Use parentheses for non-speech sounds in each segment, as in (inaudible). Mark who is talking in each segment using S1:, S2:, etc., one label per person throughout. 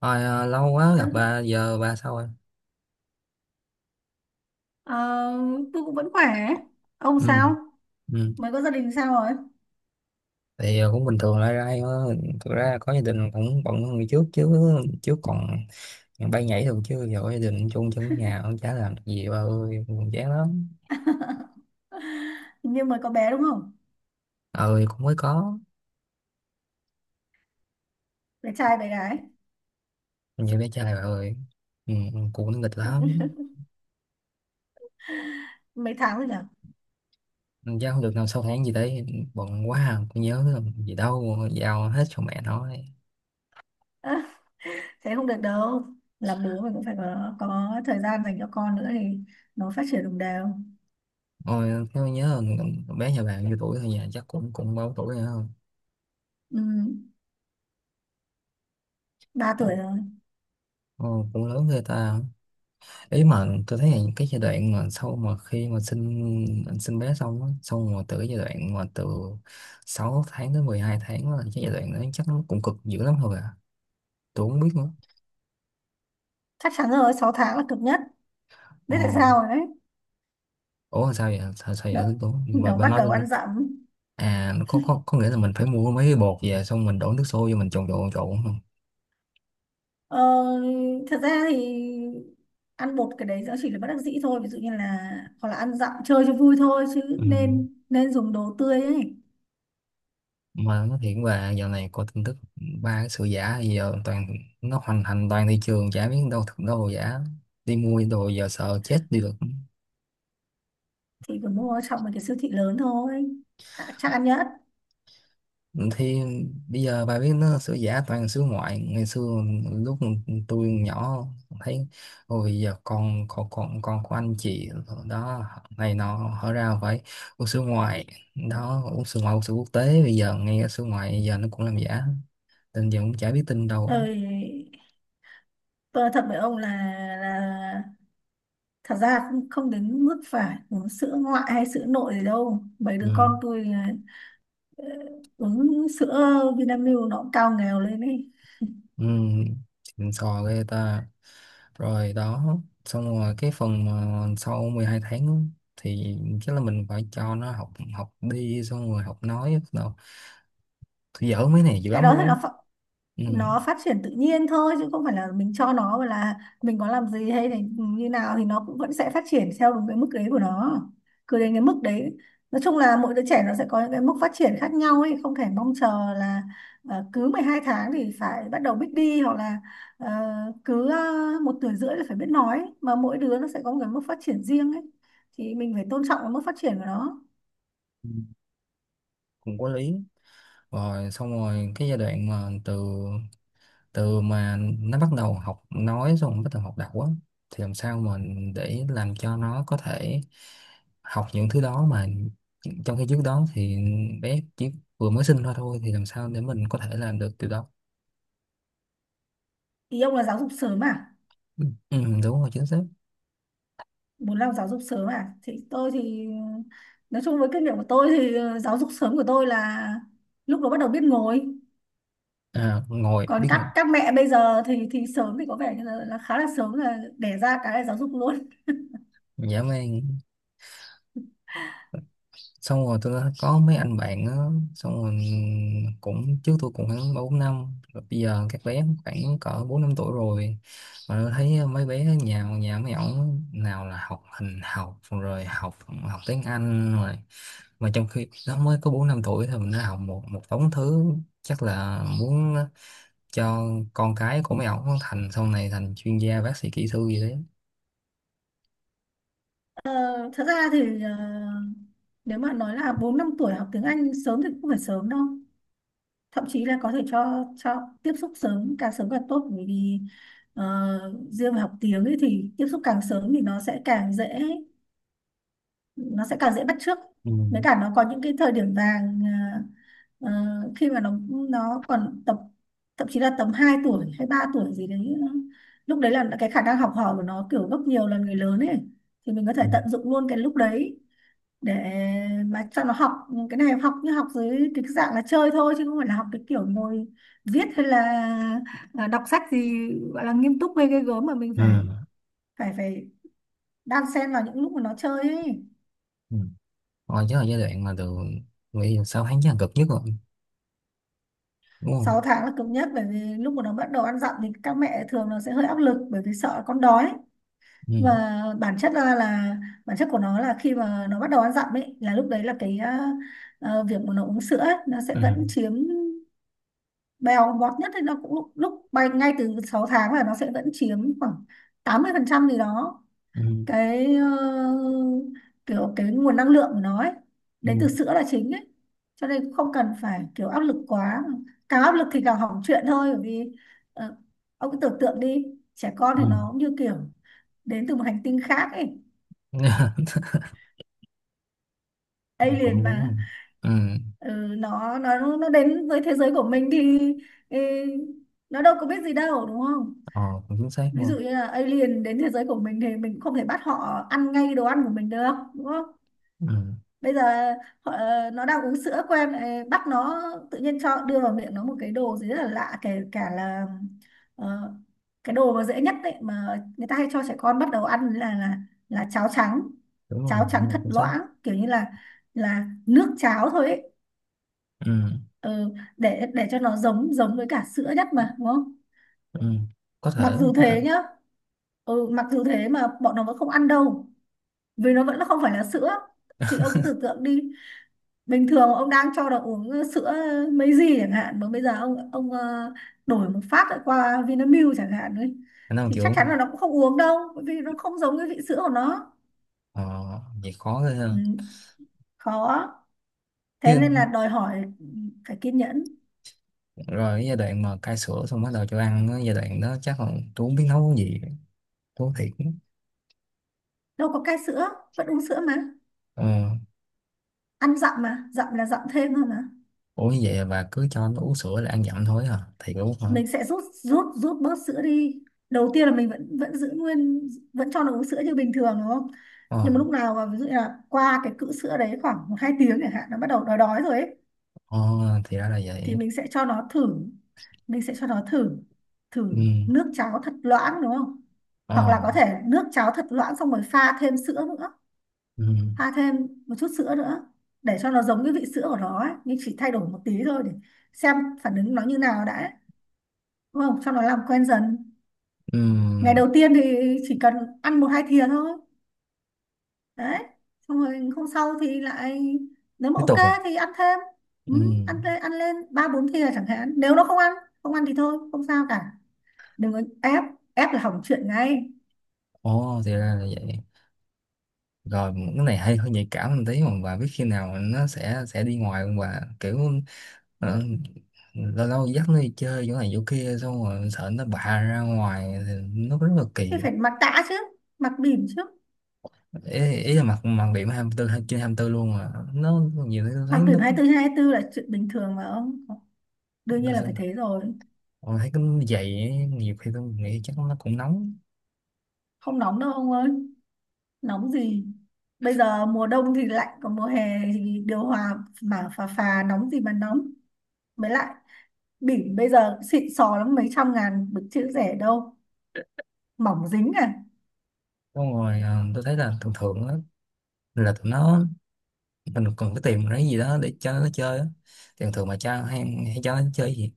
S1: Lâu quá gặp
S2: Ừ.
S1: bà, giờ bà sao rồi?
S2: Ờ, tôi cũng vẫn khỏe. Ông
S1: Ừ.
S2: sao?
S1: Ừ.
S2: Mới có gia đình sao rồi?
S1: Thì cũng bình thường lại ra thôi. Thực ra có gia đình cũng bận hơn ngày trước chứ trước còn bay nhảy thường chứ giờ có gia đình chung chung ở nhà cũng chả làm được gì bà ơi, cũng chán lắm.
S2: (laughs) Hình như mới có bé đúng không?
S1: Ơi cũng mới có
S2: Bé trai bé gái.
S1: nhiều bé trai bà ơi. Ừ, cũng nó nghịch lắm.
S2: Mấy tháng rồi nhỉ?
S1: Chắc không được nào sau tháng gì đấy, bận quá à, cũng nhớ làm gì đâu, giao hết cho mẹ nói.
S2: Thế không được đâu. Làm bố mình cũng phải có thời gian dành cho con nữa thì nó phát triển đồng đều.
S1: Ôi tôi nhớ bé nhà bạn nhiêu tuổi thôi, nhà chắc cũng cũng bao tuổi nữa
S2: Ừ, 3 tuổi
S1: không?
S2: rồi.
S1: Ồ, cũng lớn ghê ta. Ý mà tôi thấy là cái giai đoạn mà sau mà khi mà sinh sinh bé xong á, xong mà từ cái giai đoạn mà từ 6 tháng tới 12 tháng là cái giai đoạn đó chắc nó cũng cực dữ lắm thôi à, tôi không biết nữa.
S2: Chắc chắn rồi, 6 tháng là cực nhất.
S1: ờ
S2: Biết tại sao rồi đấy.
S1: Ủa sao vậy, sao, sao
S2: Nó,
S1: vậy tôi? bà,
S2: nó
S1: bà
S2: bắt
S1: nói tôi
S2: đầu
S1: nghe.
S2: ăn dặm.
S1: À có, có nghĩa là mình phải mua mấy cái bột về xong mình đổ nước sôi vô mình trộn trộn trộn không?
S2: Ờ, thật ra thì ăn bột cái đấy nó chỉ là bất đắc dĩ thôi, ví dụ như là hoặc là ăn dặm chơi cho vui thôi chứ
S1: Ừ.
S2: nên nên dùng đồ tươi ấy.
S1: Mà nó thiệt, và giờ này có tin tức ba cái sự giả gì giờ toàn nó hoành hành toàn thị trường, chả biết đâu thật đâu là giả, đi mua đồ giờ sợ chết đi được.
S2: Thì cứ mua ở trong một cái siêu thị lớn thôi à, chắc ăn nhất.
S1: Ừ, thì bây giờ bà biết nó sửa giả toàn sửa ngoại. Ngày xưa lúc tôi nhỏ thấy, ôi giờ con của anh chị đó này nọ hóa ra phải uống sữa ngoại đó, uống sữa ngoại, uống sữa quốc tế. Bây giờ nghe sữa ngoại giờ nó cũng làm giả, tin giờ cũng chả biết tin đâu.
S2: Ơi, tôi nói thật với ông là là thật ra cũng không đến mức phải uống sữa ngoại hay sữa nội gì đâu, mấy
S1: Ừ.
S2: đứa con tôi ờ, uống sữa Vinamilk nó cũng cao nghèo lên ấy.
S1: Ừ. Xịn sò ghê ta. Rồi đó. Xong rồi cái phần mà sau 12 tháng á, thì chắc là mình phải cho nó học học đi, xong rồi học nói. Tôi dở mấy này dữ
S2: Cái
S1: lắm
S2: đó thì
S1: luôn á.
S2: nó
S1: Ừ.
S2: nó phát triển tự nhiên thôi, chứ không phải là mình cho nó và là mình có làm gì hay là như nào thì nó cũng vẫn sẽ phát triển theo đúng cái mức đấy của nó, cứ đến cái mức đấy. Nói chung là mỗi đứa trẻ nó sẽ có những cái mức phát triển khác nhau ấy, không thể mong chờ là cứ 12 tháng thì phải bắt đầu biết đi, hoặc là ờ, cứ 1 tuổi rưỡi là phải biết nói, mà mỗi đứa nó sẽ có một cái mức phát triển riêng ấy, thì mình phải tôn trọng cái mức phát triển của nó.
S1: Ừ. Cũng có lý. Rồi xong rồi cái giai đoạn mà từ từ mà nó bắt đầu học nói xong rồi bắt đầu học đọc á, thì làm sao mà để làm cho nó có thể học những thứ đó mà trong khi trước đó thì bé chỉ vừa mới sinh ra thôi, thì làm sao để mình có thể làm được điều đó?
S2: Ý ông là giáo dục sớm à?
S1: Ừ, đúng rồi, chính xác.
S2: Muốn làm giáo dục sớm à, thì tôi thì nói chung với kinh nghiệm của tôi thì giáo dục sớm của tôi là lúc đó bắt đầu biết ngồi.
S1: À, ngồi
S2: Còn
S1: biết
S2: các
S1: ngồi,
S2: các mẹ bây giờ thì sớm thì có vẻ như là khá là sớm, là đẻ ra cái là giáo dục luôn.
S1: dã man. Xong rồi tôi đã có mấy anh bạn á, xong rồi cũng trước tôi cũng khoảng ba bốn năm rồi, bây giờ các bé khoảng cỡ bốn năm tuổi rồi, mà tôi thấy mấy bé nhà nhà mấy ổng nào là học hình học rồi học học tiếng Anh rồi, mà trong khi nó mới có bốn năm tuổi thì mình đã học một một đống thứ, chắc là muốn cho con cái của mấy ổng thành sau này thành chuyên gia, bác sĩ, kỹ sư gì đấy.
S2: Ờ, thật ra thì nếu mà nói là bốn năm tuổi học tiếng Anh sớm thì cũng không phải sớm đâu, thậm chí là có thể cho tiếp xúc sớm càng tốt, bởi vì riêng về học tiếng ấy thì tiếp xúc càng sớm thì nó sẽ càng dễ, nó sẽ càng dễ bắt chước.
S1: Ừ.
S2: Với cả nó có những cái thời điểm vàng, ờ, khi mà nó còn tập, thậm chí là tầm 2 tuổi hay 3 tuổi gì đấy, lúc đấy là cái khả năng học hỏi của nó kiểu gấp nhiều lần người lớn ấy, thì mình có thể
S1: Ừ.
S2: tận dụng luôn cái lúc đấy để mà cho nó học. Cái này học như học dưới cái dạng là chơi thôi, chứ không phải là học cái kiểu ngồi viết hay là đọc sách gì gọi là nghiêm túc hay ghê gớm mà mình
S1: Ừ.
S2: phải phải phải đan xen vào những lúc mà nó chơi ấy.
S1: Ừ. Rồi chứ là giai đoạn mà từ, nghĩ là 6 tháng chắc là cực nhất rồi, đúng không?
S2: Sáu tháng là cứng nhất, bởi vì lúc mà nó bắt đầu ăn dặm thì các mẹ thường nó sẽ hơi áp lực, bởi vì sợ con đói.
S1: Ừ.
S2: Và bản chất ra là bản chất của nó là khi mà nó bắt đầu ăn dặm ấy, là lúc đấy là cái việc mà nó uống sữa ấy, nó sẽ
S1: Ừ.
S2: vẫn chiếm bèo bọt nhất, thì nó cũng lúc bay ngay từ 6 tháng là nó sẽ vẫn chiếm khoảng 80% gì đó.
S1: Ừ.
S2: Cái kiểu cái nguồn năng lượng của nó ấy,
S1: Ừ.
S2: đến từ sữa là chính ấy. Cho nên cũng không cần phải kiểu áp lực quá, càng áp lực thì càng hỏng chuyện thôi, bởi vì ờ, ông cứ tưởng tượng đi, trẻ con
S1: Ừ.
S2: thì nó cũng như kiểu đến từ một hành tinh khác ấy,
S1: (laughs)
S2: alien
S1: Cũng đúng
S2: mà.
S1: không. Ừ.
S2: Ừ, nó đến với thế giới của mình thì ừ, nó đâu có biết gì đâu đúng không?
S1: ờ, Cũng chính xác
S2: Ví
S1: không.
S2: dụ như là alien đến thế giới của mình thì mình không thể bắt họ ăn ngay đồ ăn của mình được đúng không?
S1: Ừ.
S2: Bây giờ họ, nó đang uống sữa của em, lại bắt nó tự nhiên cho đưa vào miệng nó một cái đồ gì rất là lạ, kể cả là ờ, cái đồ mà dễ nhất đấy mà người ta hay cho trẻ con bắt đầu ăn là là cháo trắng.
S1: Đúng rồi
S2: Cháo
S1: đúng
S2: trắng
S1: rồi,
S2: thật
S1: chính xác.
S2: loãng, kiểu như là nước cháo thôi ấy.
S1: Ừ.
S2: Ừ, để cho nó giống giống với cả sữa nhất mà đúng không?
S1: Ừ. có
S2: Mặc
S1: thể
S2: dù
S1: có thể
S2: thế nhá, ừ, mặc dù thế mà bọn nó vẫn không ăn đâu, vì nó vẫn là không phải là sữa. Thì ông cứ tưởng tượng đi, bình thường ông đang cho nó uống sữa mấy gì chẳng hạn, mà bây giờ ông đổi một phát lại qua Vinamilk chẳng hạn ấy,
S1: Khả năng
S2: thì chắc
S1: chịu
S2: chắn
S1: không.
S2: là nó cũng không uống đâu bởi vì nó không giống cái vị sữa của nó.
S1: ờ, Vậy khó ghê
S2: Ừ,
S1: ha.
S2: khó, thế
S1: Chứ
S2: nên là đòi hỏi phải kiên nhẫn.
S1: rồi cái giai đoạn mà cai sữa xong bắt đầu cho ăn á, giai đoạn đó chắc là tôi không biết nấu cái gì, tôi nói thiệt.
S2: Đâu có cai sữa, vẫn uống sữa mà,
S1: Ờ.
S2: ăn dặm mà dặm là dặm thêm thôi mà.
S1: Ủa như vậy bà cứ cho nó uống sữa là ăn dặm thôi hả, thiệt luôn hả?
S2: Mình sẽ rút rút rút bớt sữa đi, đầu tiên là mình vẫn vẫn giữ nguyên, vẫn cho nó uống sữa như bình thường đúng không?
S1: Ờ.
S2: Nhưng mà lúc nào mà ví dụ như là qua cái cữ sữa đấy khoảng một hai tiếng chẳng hạn, nó bắt đầu đói đói rồi ấy,
S1: Ờ thì ra là
S2: thì
S1: vậy.
S2: mình sẽ cho nó thử thử
S1: Ừ.
S2: nước cháo thật loãng đúng không? Hoặc là
S1: Ờ.
S2: có thể nước cháo thật loãng xong rồi pha thêm sữa nữa
S1: Ừ.
S2: pha thêm một chút sữa nữa, để cho nó giống cái vị sữa của nó ấy, nhưng chỉ thay đổi một tí thôi để xem phản ứng nó như nào đã ấy, đúng không, cho nó làm quen dần.
S1: Ừ,
S2: Ngày đầu tiên thì chỉ cần ăn một hai thìa thôi đấy, xong rồi hôm sau thì lại, nếu mà
S1: tiếp tục à.
S2: ok thì ăn thêm. Ừ,
S1: Ừ.
S2: ăn lên ba bốn thìa chẳng hạn, nếu nó không ăn, thì thôi không sao cả, đừng có ép, ép là hỏng chuyện ngay.
S1: Ồ thì ra là vậy. Rồi cái này hay, hơi nhạy cảm một tí, mà bà biết khi nào nó sẽ đi ngoài không bà, kiểu ờ, lâu lâu dắt nó đi chơi chỗ này chỗ kia xong rồi sợ nó bạ ra ngoài thì nó rất là
S2: Thì
S1: kỳ.
S2: phải mặc tã chứ, mặc bỉm chứ.
S1: Ý là mặt mặt điểm 24, trên 24 luôn mà, nó nhiều khi tôi thấy
S2: Mặc bỉm hai tư trên hai tư là chuyện bình thường mà ông, đương nhiên
S1: nó
S2: là
S1: sẽ.
S2: phải thế rồi.
S1: Tôi thấy cái giày ấy, nhiều khi tôi nghĩ chắc nó cũng nóng.
S2: Không nóng đâu ông ơi, nóng gì, bây giờ mùa đông thì lạnh, còn mùa hè thì điều hòa mà phà phà, nóng gì mà nóng. Mới lại bỉm bây giờ xịn sò lắm, mấy trăm ngàn được chữ rẻ đâu, mỏng dính à.
S1: Xong rồi tôi thấy là thường thường á, là tụi nó mình còn cái tìm cái gì đó để cho nó chơi á, thường thường mà cho hay cho nó chơi gì.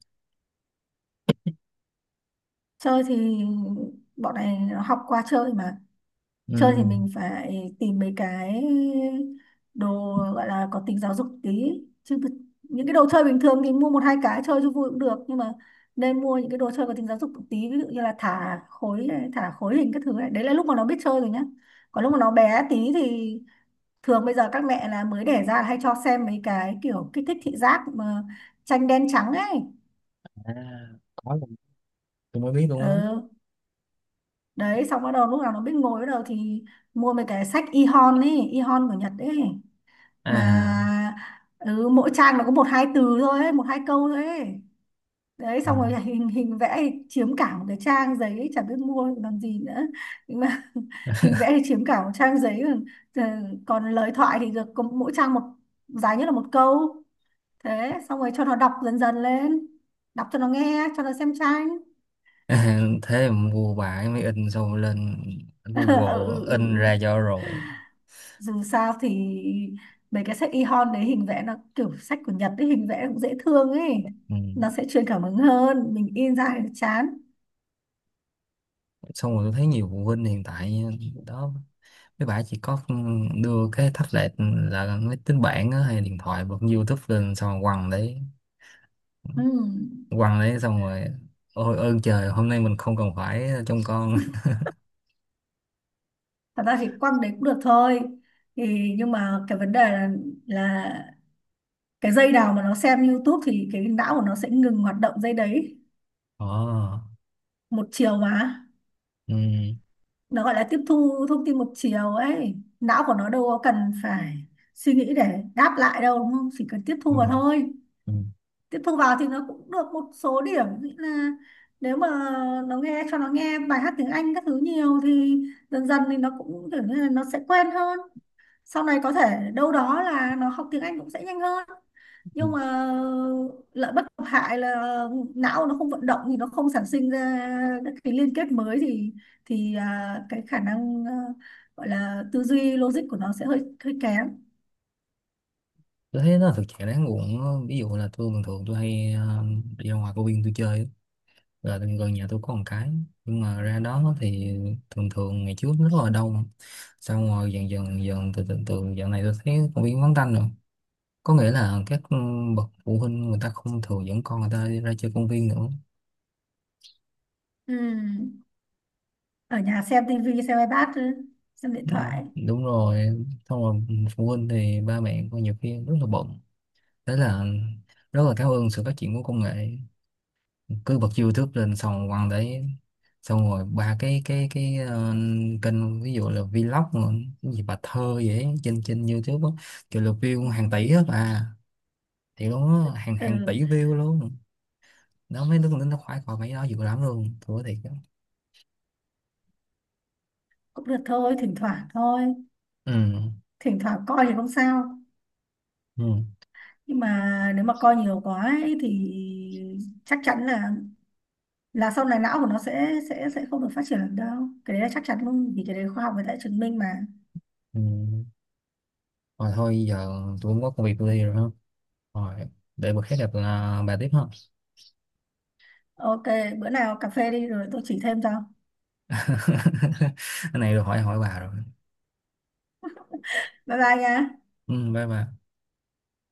S2: Chơi thì bọn này nó học qua chơi mà,
S1: Ừ.
S2: chơi thì mình phải tìm mấy cái đồ gọi là có tính giáo dục tí, chứ những cái đồ chơi bình thường thì mua một hai cái chơi cho vui cũng được, nhưng mà nên mua những cái đồ chơi có tính giáo dục một tí, ví dụ như là thả khối này, thả khối hình các thứ, này đấy là lúc mà nó biết chơi rồi nhá. Còn lúc mà nó bé tí thì thường bây giờ các mẹ là mới đẻ ra là hay cho xem mấy cái kiểu kích thích thị giác mà, tranh đen trắng ấy.
S1: À, có luôn. Tôi mới biết luôn á.
S2: Ừ, đấy xong bắt đầu lúc nào nó biết ngồi bắt đầu thì mua mấy cái sách e-hon ấy, e-hon của Nhật ấy mà.
S1: À.
S2: Ừ, mỗi trang nó có một hai từ thôi ấy, một hai câu thôi ấy đấy,
S1: Ừ.
S2: xong rồi
S1: (laughs)
S2: hình hình vẽ thì chiếm cả một cái trang giấy ấy, chả biết mua làm gì nữa. Nhưng mà (laughs) hình vẽ thì chiếm cả một trang giấy, còn còn lời thoại thì được có mỗi trang một, dài nhất là một câu. Thế xong rồi cho nó đọc dần dần lên, đọc cho nó nghe, cho nó xem tranh.
S1: À, thế mà mua bài mới in, xong rồi lên
S2: (laughs) Ừ,
S1: Google
S2: ừ, ừ.
S1: in
S2: Ừ.
S1: ra cho rồi.
S2: Dù sao thì mấy cái sách e-hon đấy hình vẽ nó kiểu sách của Nhật ấy, hình vẽ cũng dễ thương ấy,
S1: Ừ.
S2: nó sẽ truyền cảm hứng hơn mình in ra thì chán.
S1: Xong rồi tôi thấy nhiều phụ huynh hiện tại đó, mấy bạn chỉ có đưa cái tablet, là máy tính bảng á, hay điện thoại bật YouTube lên xong rồi quăng đấy,
S2: Ừ.
S1: quăng đấy xong rồi ôi ơn trời hôm nay mình không cần phải trông con.
S2: Thật ra thì quăng đấy cũng được thôi thì, nhưng mà cái vấn đề là cái dây nào mà nó xem YouTube thì cái não của nó sẽ ngừng hoạt động dây đấy,
S1: Ồ.
S2: một chiều mà.
S1: Ừ,
S2: Nó gọi là tiếp thu thông tin một chiều ấy, não của nó đâu có cần phải suy nghĩ để đáp lại đâu đúng không, chỉ cần tiếp thu
S1: ừ,
S2: vào thôi.
S1: ừ.
S2: Tiếp thu vào thì nó cũng được một số điểm, nghĩa là nếu mà nó nghe cho nó nghe bài hát tiếng Anh các thứ nhiều thì dần dần thì nó cũng kiểu như là nó sẽ quen hơn, sau này có thể đâu đó là nó học tiếng Anh cũng sẽ nhanh hơn.
S1: Ừ.
S2: Nhưng mà lợi bất cập hại là não nó không vận động thì nó không sản sinh ra các cái liên kết mới, thì à, cái khả năng, à, gọi là tư duy logic của nó sẽ hơi hơi kém.
S1: Tôi thấy nó thực trạng đáng buồn á. Ví dụ là tôi bình thường tôi hay đi ra ngoài công viên tôi chơi á, là gần gần nhà tôi có một cái. Nhưng mà ra đó thì thường thường ngày trước rất là đông, xong rồi dần dần dần từ từ từ dạo này tôi thấy công viên vắng tanh rồi, có nghĩa là các bậc phụ huynh người ta không thường dẫn con người ta đi ra chơi công viên nữa.
S2: Ừ. Ở nhà xem tivi, xem iPad, xem điện
S1: Dạ,
S2: thoại.
S1: đúng rồi. Xong rồi phụ huynh thì ba mẹ con nhiều khi rất là bận, thế là rất là cảm ơn sự phát triển của công nghệ, cứ bật YouTube lên xong quăng đấy. Xong rồi ba cái kênh ví dụ là vlog mà, cái gì bà thơ vậy, trên trên YouTube á, kiểu là view hàng tỷ hết à, thì luôn á, hàng
S2: Ừ.
S1: hàng tỷ view luôn. Nó mấy đứa con nó khoái coi mấy đó dữ lắm luôn, thua thiệt đó.
S2: Cũng được thôi, thỉnh thoảng thôi,
S1: Ừ.
S2: thỉnh thoảng coi thì không sao,
S1: Ừ.
S2: nhưng mà nếu mà coi nhiều quá ấy thì chắc chắn là sau này não của nó sẽ không được phát triển được đâu, cái đấy là chắc chắn luôn vì cái đấy khoa học người ta đã chứng minh mà.
S1: Ừ. Rồi thôi giờ tôi cũng có công việc tôi đi rồi ha. Rồi để bữa khác gặp là bà tiếp ha.
S2: Ok, bữa nào cà phê đi rồi tôi chỉ thêm cho.
S1: (laughs) Cái này rồi hỏi hỏi bà rồi.
S2: Bye bye nha.
S1: Ừ, bye bà.